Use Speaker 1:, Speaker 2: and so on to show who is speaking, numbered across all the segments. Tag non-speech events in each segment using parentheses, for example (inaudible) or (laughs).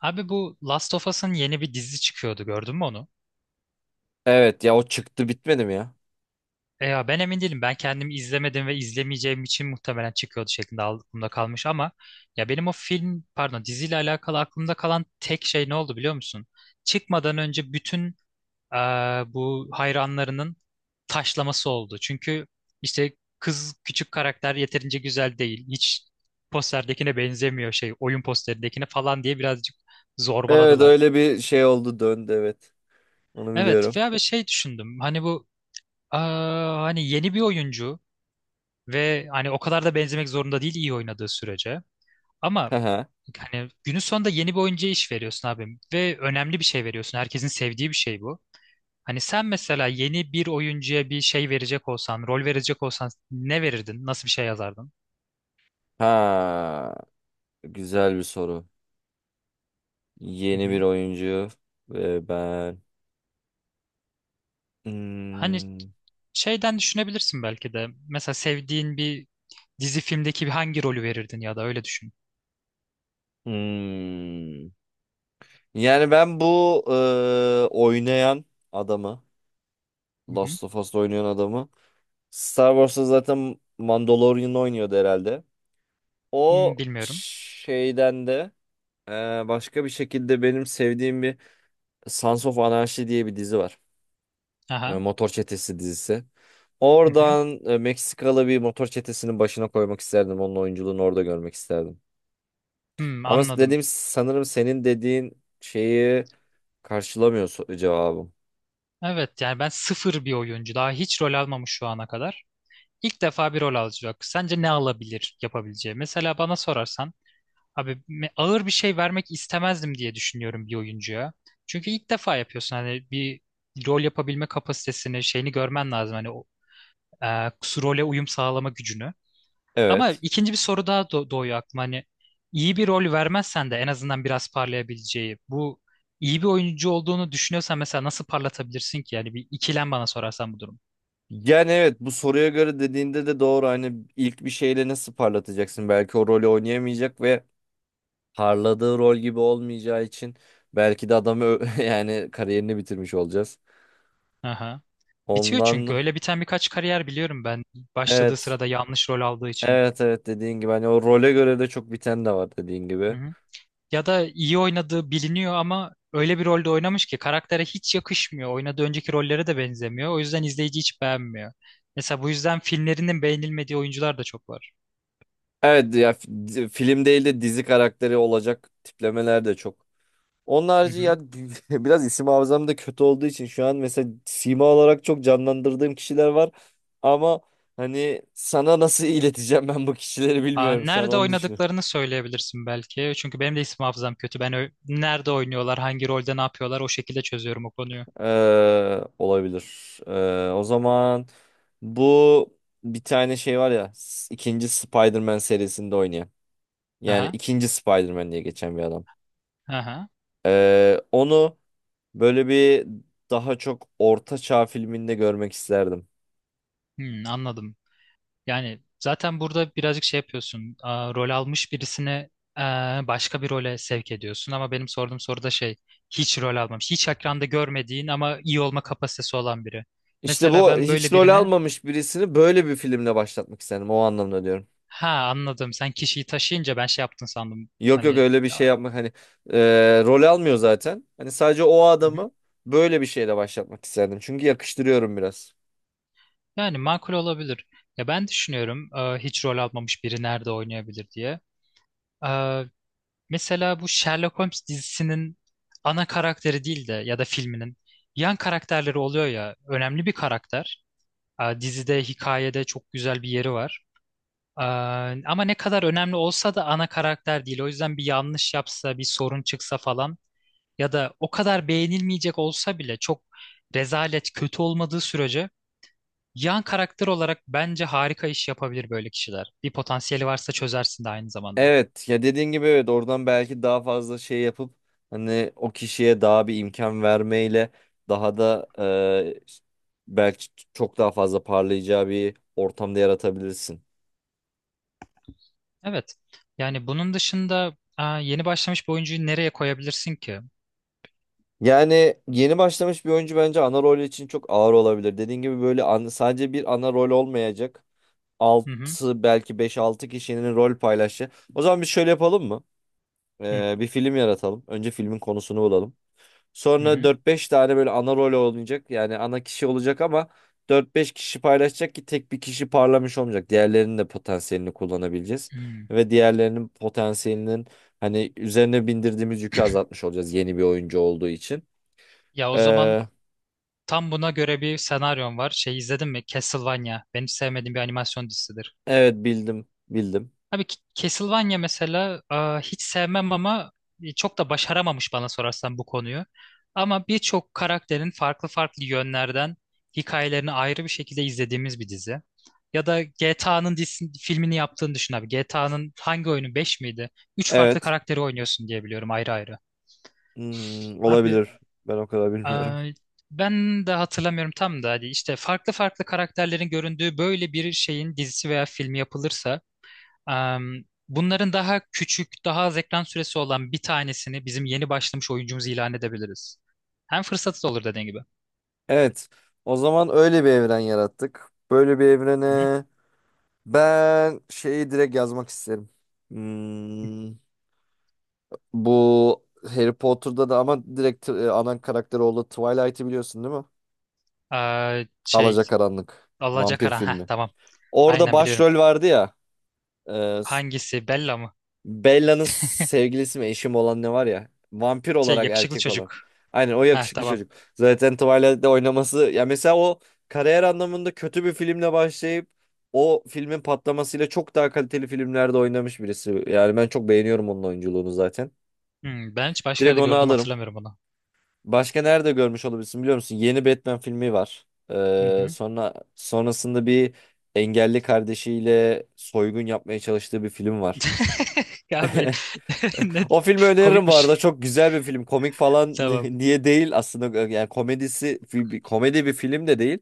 Speaker 1: Abi bu Last of Us'ın yeni bir dizi çıkıyordu, gördün mü onu?
Speaker 2: Evet ya, o çıktı, bitmedi mi ya?
Speaker 1: E ya, ben emin değilim. Ben kendim izlemedim ve izlemeyeceğim için muhtemelen çıkıyordu şeklinde aklımda kalmış ama ya benim o film, pardon, diziyle alakalı aklımda kalan tek şey ne oldu biliyor musun? Çıkmadan önce bütün e, bu hayranlarının taşlaması oldu. Çünkü işte kız küçük karakter yeterince güzel değil. Hiç posterdekine benzemiyor, şey, oyun posterindekine falan diye birazcık
Speaker 2: Evet,
Speaker 1: zorbaladılar.
Speaker 2: öyle bir şey oldu döndü, evet. Onu
Speaker 1: Evet,
Speaker 2: biliyorum.
Speaker 1: veya bir şey düşündüm. Hani bu... Aa, hani yeni bir oyuncu ve hani o kadar da benzemek zorunda değil, iyi oynadığı sürece. Ama
Speaker 2: Ha
Speaker 1: hani günün sonunda yeni bir oyuncuya iş veriyorsun abi ve önemli bir şey veriyorsun. Herkesin sevdiği bir şey bu. Hani sen mesela yeni bir oyuncuya bir şey verecek olsan, rol verecek olsan ne verirdin? Nasıl bir şey yazardın?
Speaker 2: ha. Güzel bir soru.
Speaker 1: Hı
Speaker 2: Yeni bir
Speaker 1: hı.
Speaker 2: oyuncu ve ben
Speaker 1: Hani
Speaker 2: Hmm,
Speaker 1: şeyden düşünebilirsin belki de. Mesela sevdiğin bir dizi filmdeki bir hangi rolü verirdin, ya da öyle düşün.
Speaker 2: hmm. Yani ben bu oynayan adamı,
Speaker 1: Hı hı.
Speaker 2: Last of Us'ta oynayan adamı, Star Wars'ta zaten Mandalorian'ı oynuyordu herhalde. O
Speaker 1: Hmm, bilmiyorum.
Speaker 2: şeyden de e, başka bir şekilde benim sevdiğim bir, Sons of Anarchy diye bir dizi var.
Speaker 1: Aha.
Speaker 2: Motor Çetesi dizisi.
Speaker 1: Hı hı.
Speaker 2: Oradan Meksikalı bir motor çetesinin başına koymak isterdim. Onun oyunculuğunu orada görmek isterdim.
Speaker 1: Hmm,
Speaker 2: Ama
Speaker 1: anladım.
Speaker 2: dediğim, sanırım senin dediğin şeyi karşılamıyor cevabım.
Speaker 1: Evet, yani ben sıfır bir oyuncu. Daha hiç rol almamış şu ana kadar. İlk defa bir rol alacak. Sence ne alabilir yapabileceği? Mesela bana sorarsan abi, ağır bir şey vermek istemezdim diye düşünüyorum bir oyuncuya. Çünkü ilk defa yapıyorsun, hani bir rol yapabilme kapasitesini, şeyini görmen lazım. Hani o, e, role uyum sağlama gücünü. Ama
Speaker 2: Evet.
Speaker 1: ikinci bir soru daha doğuyor aklıma. Hani iyi bir rol vermezsen de en azından biraz parlayabileceği. Bu iyi bir oyuncu olduğunu düşünüyorsan mesela nasıl parlatabilirsin ki? Yani bir ikilem bana sorarsan bu durum.
Speaker 2: Yani evet, bu soruya göre dediğinde de doğru. Hani ilk bir şeyle nasıl parlatacaksın? Belki o rolü oynayamayacak ve parladığı rol gibi olmayacağı için belki de adamı (laughs) yani kariyerini bitirmiş olacağız.
Speaker 1: Aha. Bitiyor çünkü.
Speaker 2: Ondan
Speaker 1: Öyle biten birkaç kariyer biliyorum ben. Başladığı
Speaker 2: evet.
Speaker 1: sırada yanlış rol aldığı için.
Speaker 2: Evet evet, dediğin gibi hani o role göre de çok biten de var, dediğin
Speaker 1: Hı
Speaker 2: gibi.
Speaker 1: hı. Ya da iyi oynadığı biliniyor ama öyle bir rolde oynamış ki karaktere hiç yakışmıyor. Oynadığı önceki rollere de benzemiyor. O yüzden izleyici hiç beğenmiyor. Mesela bu yüzden filmlerinin beğenilmediği oyuncular da çok var.
Speaker 2: Evet ya, film değil de dizi karakteri olacak tiplemeler de çok. Onun
Speaker 1: Hı
Speaker 2: harici ya
Speaker 1: hı.
Speaker 2: (laughs) biraz isim hafızam da kötü olduğu için şu an mesela sima olarak çok canlandırdığım kişiler var. Ama hani sana nasıl (laughs) ileteceğim, ben bu kişileri
Speaker 1: Aa,
Speaker 2: bilmiyorum şu an,
Speaker 1: nerede
Speaker 2: onu düşünüyorum.
Speaker 1: oynadıklarını söyleyebilirsin belki. Çünkü benim de isim hafızam kötü. Ben nerede oynuyorlar, hangi rolde ne yapıyorlar, o şekilde çözüyorum o konuyu.
Speaker 2: Olabilir. O zaman bu, bir tane şey var ya, ikinci Spider-Man serisinde oynayan. Yani
Speaker 1: Aha,
Speaker 2: ikinci Spider-Man diye geçen bir adam.
Speaker 1: aha.
Speaker 2: Onu böyle bir, daha çok orta çağ filminde görmek isterdim.
Speaker 1: Hmm, anladım. Yani zaten burada birazcık şey yapıyorsun. Aa, rol almış birisini başka bir role sevk ediyorsun. Ama benim sorduğum soruda şey, hiç rol almamış, hiç ekranda görmediğin ama iyi olma kapasitesi olan biri.
Speaker 2: İşte
Speaker 1: Mesela
Speaker 2: bu
Speaker 1: ben
Speaker 2: hiç
Speaker 1: böyle
Speaker 2: rol
Speaker 1: birini,
Speaker 2: almamış birisini böyle bir filmle başlatmak isterdim. O anlamda diyorum.
Speaker 1: ha, anladım. Sen kişiyi taşıyınca ben şey yaptın sandım.
Speaker 2: Yok yok,
Speaker 1: Hani...
Speaker 2: öyle bir şey yapmak hani, rol almıyor zaten. Hani sadece o adamı böyle bir şeyle başlatmak isterdim. Çünkü yakıştırıyorum biraz.
Speaker 1: Yani makul olabilir. Ya ben düşünüyorum, hiç rol almamış biri nerede oynayabilir diye. E, mesela bu Sherlock Holmes dizisinin ana karakteri değil de, ya da filminin yan karakterleri oluyor ya, önemli bir karakter. E, dizide, hikayede çok güzel bir yeri var. E, ama ne kadar önemli olsa da ana karakter değil. O yüzden bir yanlış yapsa, bir sorun çıksa falan ya da o kadar beğenilmeyecek olsa bile, çok rezalet, kötü olmadığı sürece yan karakter olarak bence harika iş yapabilir böyle kişiler. Bir potansiyeli varsa çözersin de aynı zamanda.
Speaker 2: Evet ya, dediğin gibi evet, oradan belki daha fazla şey yapıp hani o kişiye daha bir imkan vermeyle daha da belki çok daha fazla parlayacağı bir ortamda yaratabilirsin.
Speaker 1: Evet. Yani bunun dışında, aa, yeni başlamış bir oyuncuyu nereye koyabilirsin ki?
Speaker 2: Yani yeni başlamış bir oyuncu bence ana rol için çok ağır olabilir. Dediğin gibi böyle sadece bir ana rol olmayacak.
Speaker 1: Hı hı.
Speaker 2: Altı, belki beş altı kişinin rol paylaşı. O zaman biz şöyle yapalım mı?
Speaker 1: Hı
Speaker 2: E, bir film yaratalım. Önce filmin konusunu bulalım.
Speaker 1: hı.
Speaker 2: Sonra
Speaker 1: Hı.
Speaker 2: dört beş tane böyle ana rol oynayacak. Yani ana kişi olacak ama dört beş kişi paylaşacak ki tek bir kişi parlamış olmayacak. Diğerlerinin de potansiyelini kullanabileceğiz.
Speaker 1: Hmm.
Speaker 2: Ve diğerlerinin potansiyelinin hani üzerine bindirdiğimiz yükü azaltmış olacağız yeni bir oyuncu olduğu için.
Speaker 1: Ya o zaman
Speaker 2: Ee,
Speaker 1: tam buna göre bir senaryon var. Şey, izledin mi? Castlevania. Benim sevmediğim bir animasyon dizisidir.
Speaker 2: evet bildim bildim.
Speaker 1: Abi, Castlevania mesela, hiç sevmem ama çok da başaramamış bana sorarsan bu konuyu. Ama birçok karakterin farklı farklı yönlerden hikayelerini ayrı bir şekilde izlediğimiz bir dizi. Ya da GTA'nın filmini yaptığını düşün abi. GTA'nın hangi oyunu 5 miydi? Üç farklı
Speaker 2: Evet.
Speaker 1: karakteri oynuyorsun diye biliyorum, ayrı ayrı.
Speaker 2: Hmm,
Speaker 1: Abi,
Speaker 2: olabilir. Ben o kadar
Speaker 1: e,
Speaker 2: bilmiyorum.
Speaker 1: ben de hatırlamıyorum tam da. Hadi işte, farklı farklı karakterlerin göründüğü böyle bir şeyin dizisi veya filmi yapılırsa, bunların daha küçük, daha az ekran süresi olan bir tanesini bizim yeni başlamış oyuncumuzu ilan edebiliriz. Hem fırsatı da olur dediğin gibi.
Speaker 2: Evet. O zaman öyle bir evren yarattık. Böyle bir
Speaker 1: Hı hı.
Speaker 2: evrene ben şeyi direkt yazmak isterim. Hmm, bu Harry Potter'da da ama direkt ana karakteri oldu. Twilight'i biliyorsun değil mi?
Speaker 1: Şey,
Speaker 2: Alacakaranlık. Vampir
Speaker 1: Alacakaran. Heh,
Speaker 2: filmi.
Speaker 1: tamam.
Speaker 2: Orada
Speaker 1: Aynen, biliyorum.
Speaker 2: başrol vardı ya. e,
Speaker 1: Hangisi? Bella mı?
Speaker 2: Bella'nın sevgilisi mi, eşim olan ne var ya. Vampir
Speaker 1: Şey,
Speaker 2: olarak
Speaker 1: yakışıklı
Speaker 2: erkek olan.
Speaker 1: çocuk.
Speaker 2: Aynen, o
Speaker 1: Heh,
Speaker 2: yakışıklı
Speaker 1: tamam.
Speaker 2: çocuk. Zaten Twilight'te oynaması. Ya mesela o kariyer anlamında kötü bir filmle başlayıp o filmin patlamasıyla çok daha kaliteli filmlerde oynamış birisi. Yani ben çok beğeniyorum onun oyunculuğunu zaten.
Speaker 1: Hmm, ben hiç başka
Speaker 2: Direkt
Speaker 1: yerde
Speaker 2: onu
Speaker 1: gördüm
Speaker 2: alırım.
Speaker 1: hatırlamıyorum onu.
Speaker 2: Başka nerede görmüş olabilirsin biliyor musun? Yeni Batman filmi var.
Speaker 1: Hı hı.
Speaker 2: Sonra sonrasında bir engelli kardeşiyle soygun yapmaya çalıştığı bir film var.
Speaker 1: (laughs) Ya
Speaker 2: (laughs)
Speaker 1: abi, (laughs) ne
Speaker 2: O filmi öneririm bu
Speaker 1: komikmiş.
Speaker 2: arada. Çok güzel bir film. Komik falan (laughs)
Speaker 1: Tamam.
Speaker 2: niye değil aslında. Yani komedisi komedi bir film de değil.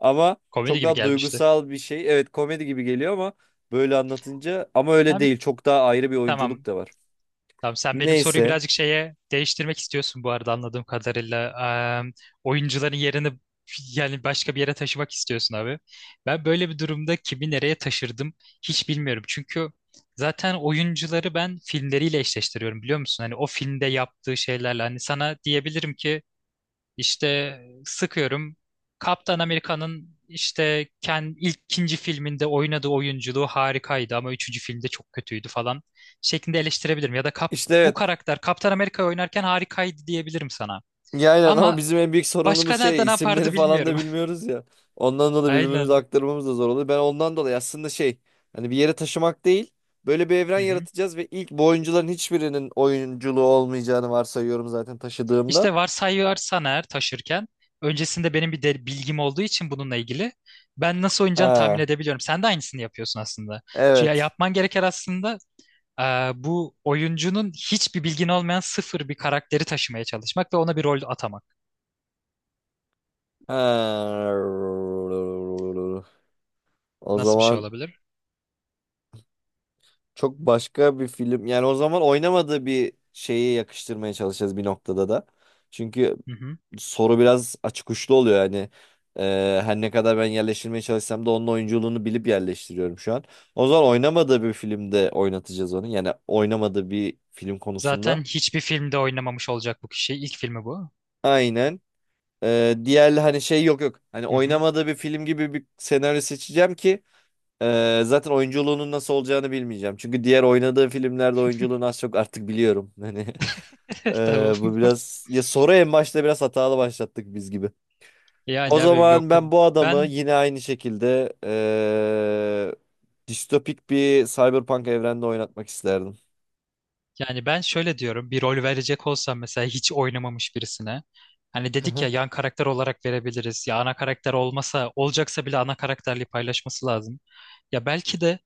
Speaker 2: Ama
Speaker 1: Komedi
Speaker 2: çok
Speaker 1: gibi
Speaker 2: daha
Speaker 1: gelmişti.
Speaker 2: duygusal bir şey. Evet komedi gibi geliyor ama böyle anlatınca ama öyle
Speaker 1: Abi,
Speaker 2: değil. Çok daha ayrı bir
Speaker 1: tamam.
Speaker 2: oyunculuk da var.
Speaker 1: Tamam, sen benim soruyu
Speaker 2: Neyse.
Speaker 1: birazcık şeye değiştirmek istiyorsun bu arada anladığım kadarıyla. Eee, oyuncuların yerini (laughs) yani başka bir yere taşımak istiyorsun abi. Ben böyle bir durumda kimi nereye taşırdım hiç bilmiyorum. Çünkü zaten oyuncuları ben filmleriyle eşleştiriyorum biliyor musun? Hani o filmde yaptığı şeylerle hani sana diyebilirim ki işte sıkıyorum. Kaptan Amerika'nın işte kendi ilk ikinci filminde oynadığı oyunculuğu harikaydı ama üçüncü filmde çok kötüydü falan şeklinde eleştirebilirim. Ya da
Speaker 2: İşte
Speaker 1: bu
Speaker 2: evet.
Speaker 1: karakter Kaptan Amerika oynarken harikaydı diyebilirim sana.
Speaker 2: Ya aynen ama
Speaker 1: Ama
Speaker 2: bizim en büyük sorunumuz
Speaker 1: başka
Speaker 2: şey,
Speaker 1: nerede ne
Speaker 2: isimleri
Speaker 1: yapardı
Speaker 2: falan da
Speaker 1: bilmiyorum.
Speaker 2: bilmiyoruz ya. Ondan
Speaker 1: (laughs)
Speaker 2: dolayı birbirimize
Speaker 1: Aynen.
Speaker 2: aktarmamız da zor oluyor. Ben ondan dolayı aslında şey, hani bir yere taşımak değil, böyle bir evren
Speaker 1: Hı hı.
Speaker 2: yaratacağız ve ilk bu oyuncuların hiçbirinin oyunculuğu olmayacağını varsayıyorum zaten taşıdığımda.
Speaker 1: İşte varsayarsan eğer taşırken öncesinde benim bir de bilgim olduğu için bununla ilgili ben nasıl oynayacağını tahmin
Speaker 2: Ha
Speaker 1: edebiliyorum. Sen de aynısını yapıyorsun aslında. Ya
Speaker 2: evet.
Speaker 1: yapman gereken aslında, bu oyuncunun hiçbir bilgin olmayan sıfır bir karakteri taşımaya çalışmak ve ona bir rol atamak.
Speaker 2: Ha. O
Speaker 1: Nasıl bir şey
Speaker 2: zaman
Speaker 1: olabilir?
Speaker 2: çok başka bir film, yani o zaman oynamadığı bir şeye yakıştırmaya çalışacağız bir noktada da. Çünkü
Speaker 1: Hı hı.
Speaker 2: soru biraz açık uçlu oluyor yani. Her ne kadar ben yerleştirmeye çalışsam da onun oyunculuğunu bilip yerleştiriyorum şu an. O zaman oynamadığı bir filmde oynatacağız onu. Yani oynamadığı bir film konusunda.
Speaker 1: Zaten hiçbir filmde oynamamış olacak bu kişi. İlk filmi bu.
Speaker 2: Aynen. Diğer hani şey yok yok. Hani
Speaker 1: Hı hı.
Speaker 2: oynamadığı bir film gibi bir senaryo seçeceğim ki zaten oyunculuğunun nasıl olacağını bilmeyeceğim. Çünkü diğer oynadığı filmlerde oyunculuğunu az çok artık biliyorum. (laughs) Hani
Speaker 1: (laughs) Tamam.
Speaker 2: bu biraz ya, soru en başta biraz hatalı başlattık biz gibi. O
Speaker 1: Yani abi
Speaker 2: zaman
Speaker 1: yok,
Speaker 2: ben bu adamı
Speaker 1: ben
Speaker 2: yine aynı şekilde distopik bir cyberpunk evrende oynatmak isterdim.
Speaker 1: yani ben şöyle diyorum, bir rol verecek olsam mesela hiç oynamamış birisine, hani
Speaker 2: Hı
Speaker 1: dedik ya
Speaker 2: hı.
Speaker 1: yan karakter olarak verebiliriz, ya ana karakter olmasa olacaksa bile ana karakterliği paylaşması lazım. Ya belki de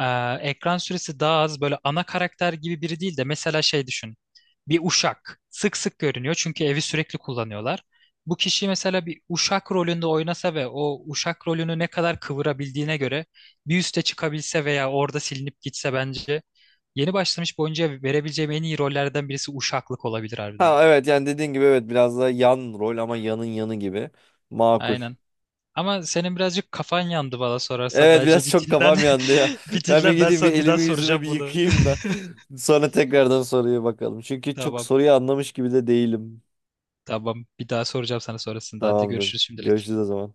Speaker 1: Ee, ekran süresi daha az, böyle ana karakter gibi biri değil de mesela şey düşün. Bir uşak sık sık görünüyor çünkü evi sürekli kullanıyorlar. Bu kişi mesela bir uşak rolünde oynasa ve o uşak rolünü ne kadar kıvırabildiğine göre bir üste çıkabilse veya orada silinip gitse, bence yeni başlamış bir oyuncuya verebileceğim en iyi rollerden birisi uşaklık olabilir harbiden.
Speaker 2: Ha evet, yani dediğin gibi evet, biraz da yan rol ama yanın yanı gibi. Makul.
Speaker 1: Aynen. Ama senin birazcık kafan yandı bana sorarsa,
Speaker 2: Evet
Speaker 1: bence
Speaker 2: biraz
Speaker 1: bir
Speaker 2: çok
Speaker 1: dinlen.
Speaker 2: kafam yandı ya.
Speaker 1: (laughs)
Speaker 2: (laughs)
Speaker 1: Bir
Speaker 2: Ben bir
Speaker 1: dinlen, ben
Speaker 2: gideyim bir
Speaker 1: sana bir daha
Speaker 2: elimi yüzümü
Speaker 1: soracağım
Speaker 2: bir
Speaker 1: bunu.
Speaker 2: yıkayayım
Speaker 1: (laughs)
Speaker 2: da (laughs) sonra tekrardan soruya bakalım. Çünkü çok
Speaker 1: Tamam.
Speaker 2: soruyu anlamış gibi de değilim.
Speaker 1: Tamam. Bir daha soracağım sana sonrasında. Hadi,
Speaker 2: Tamamdır.
Speaker 1: görüşürüz şimdilik.
Speaker 2: Görüşürüz o zaman.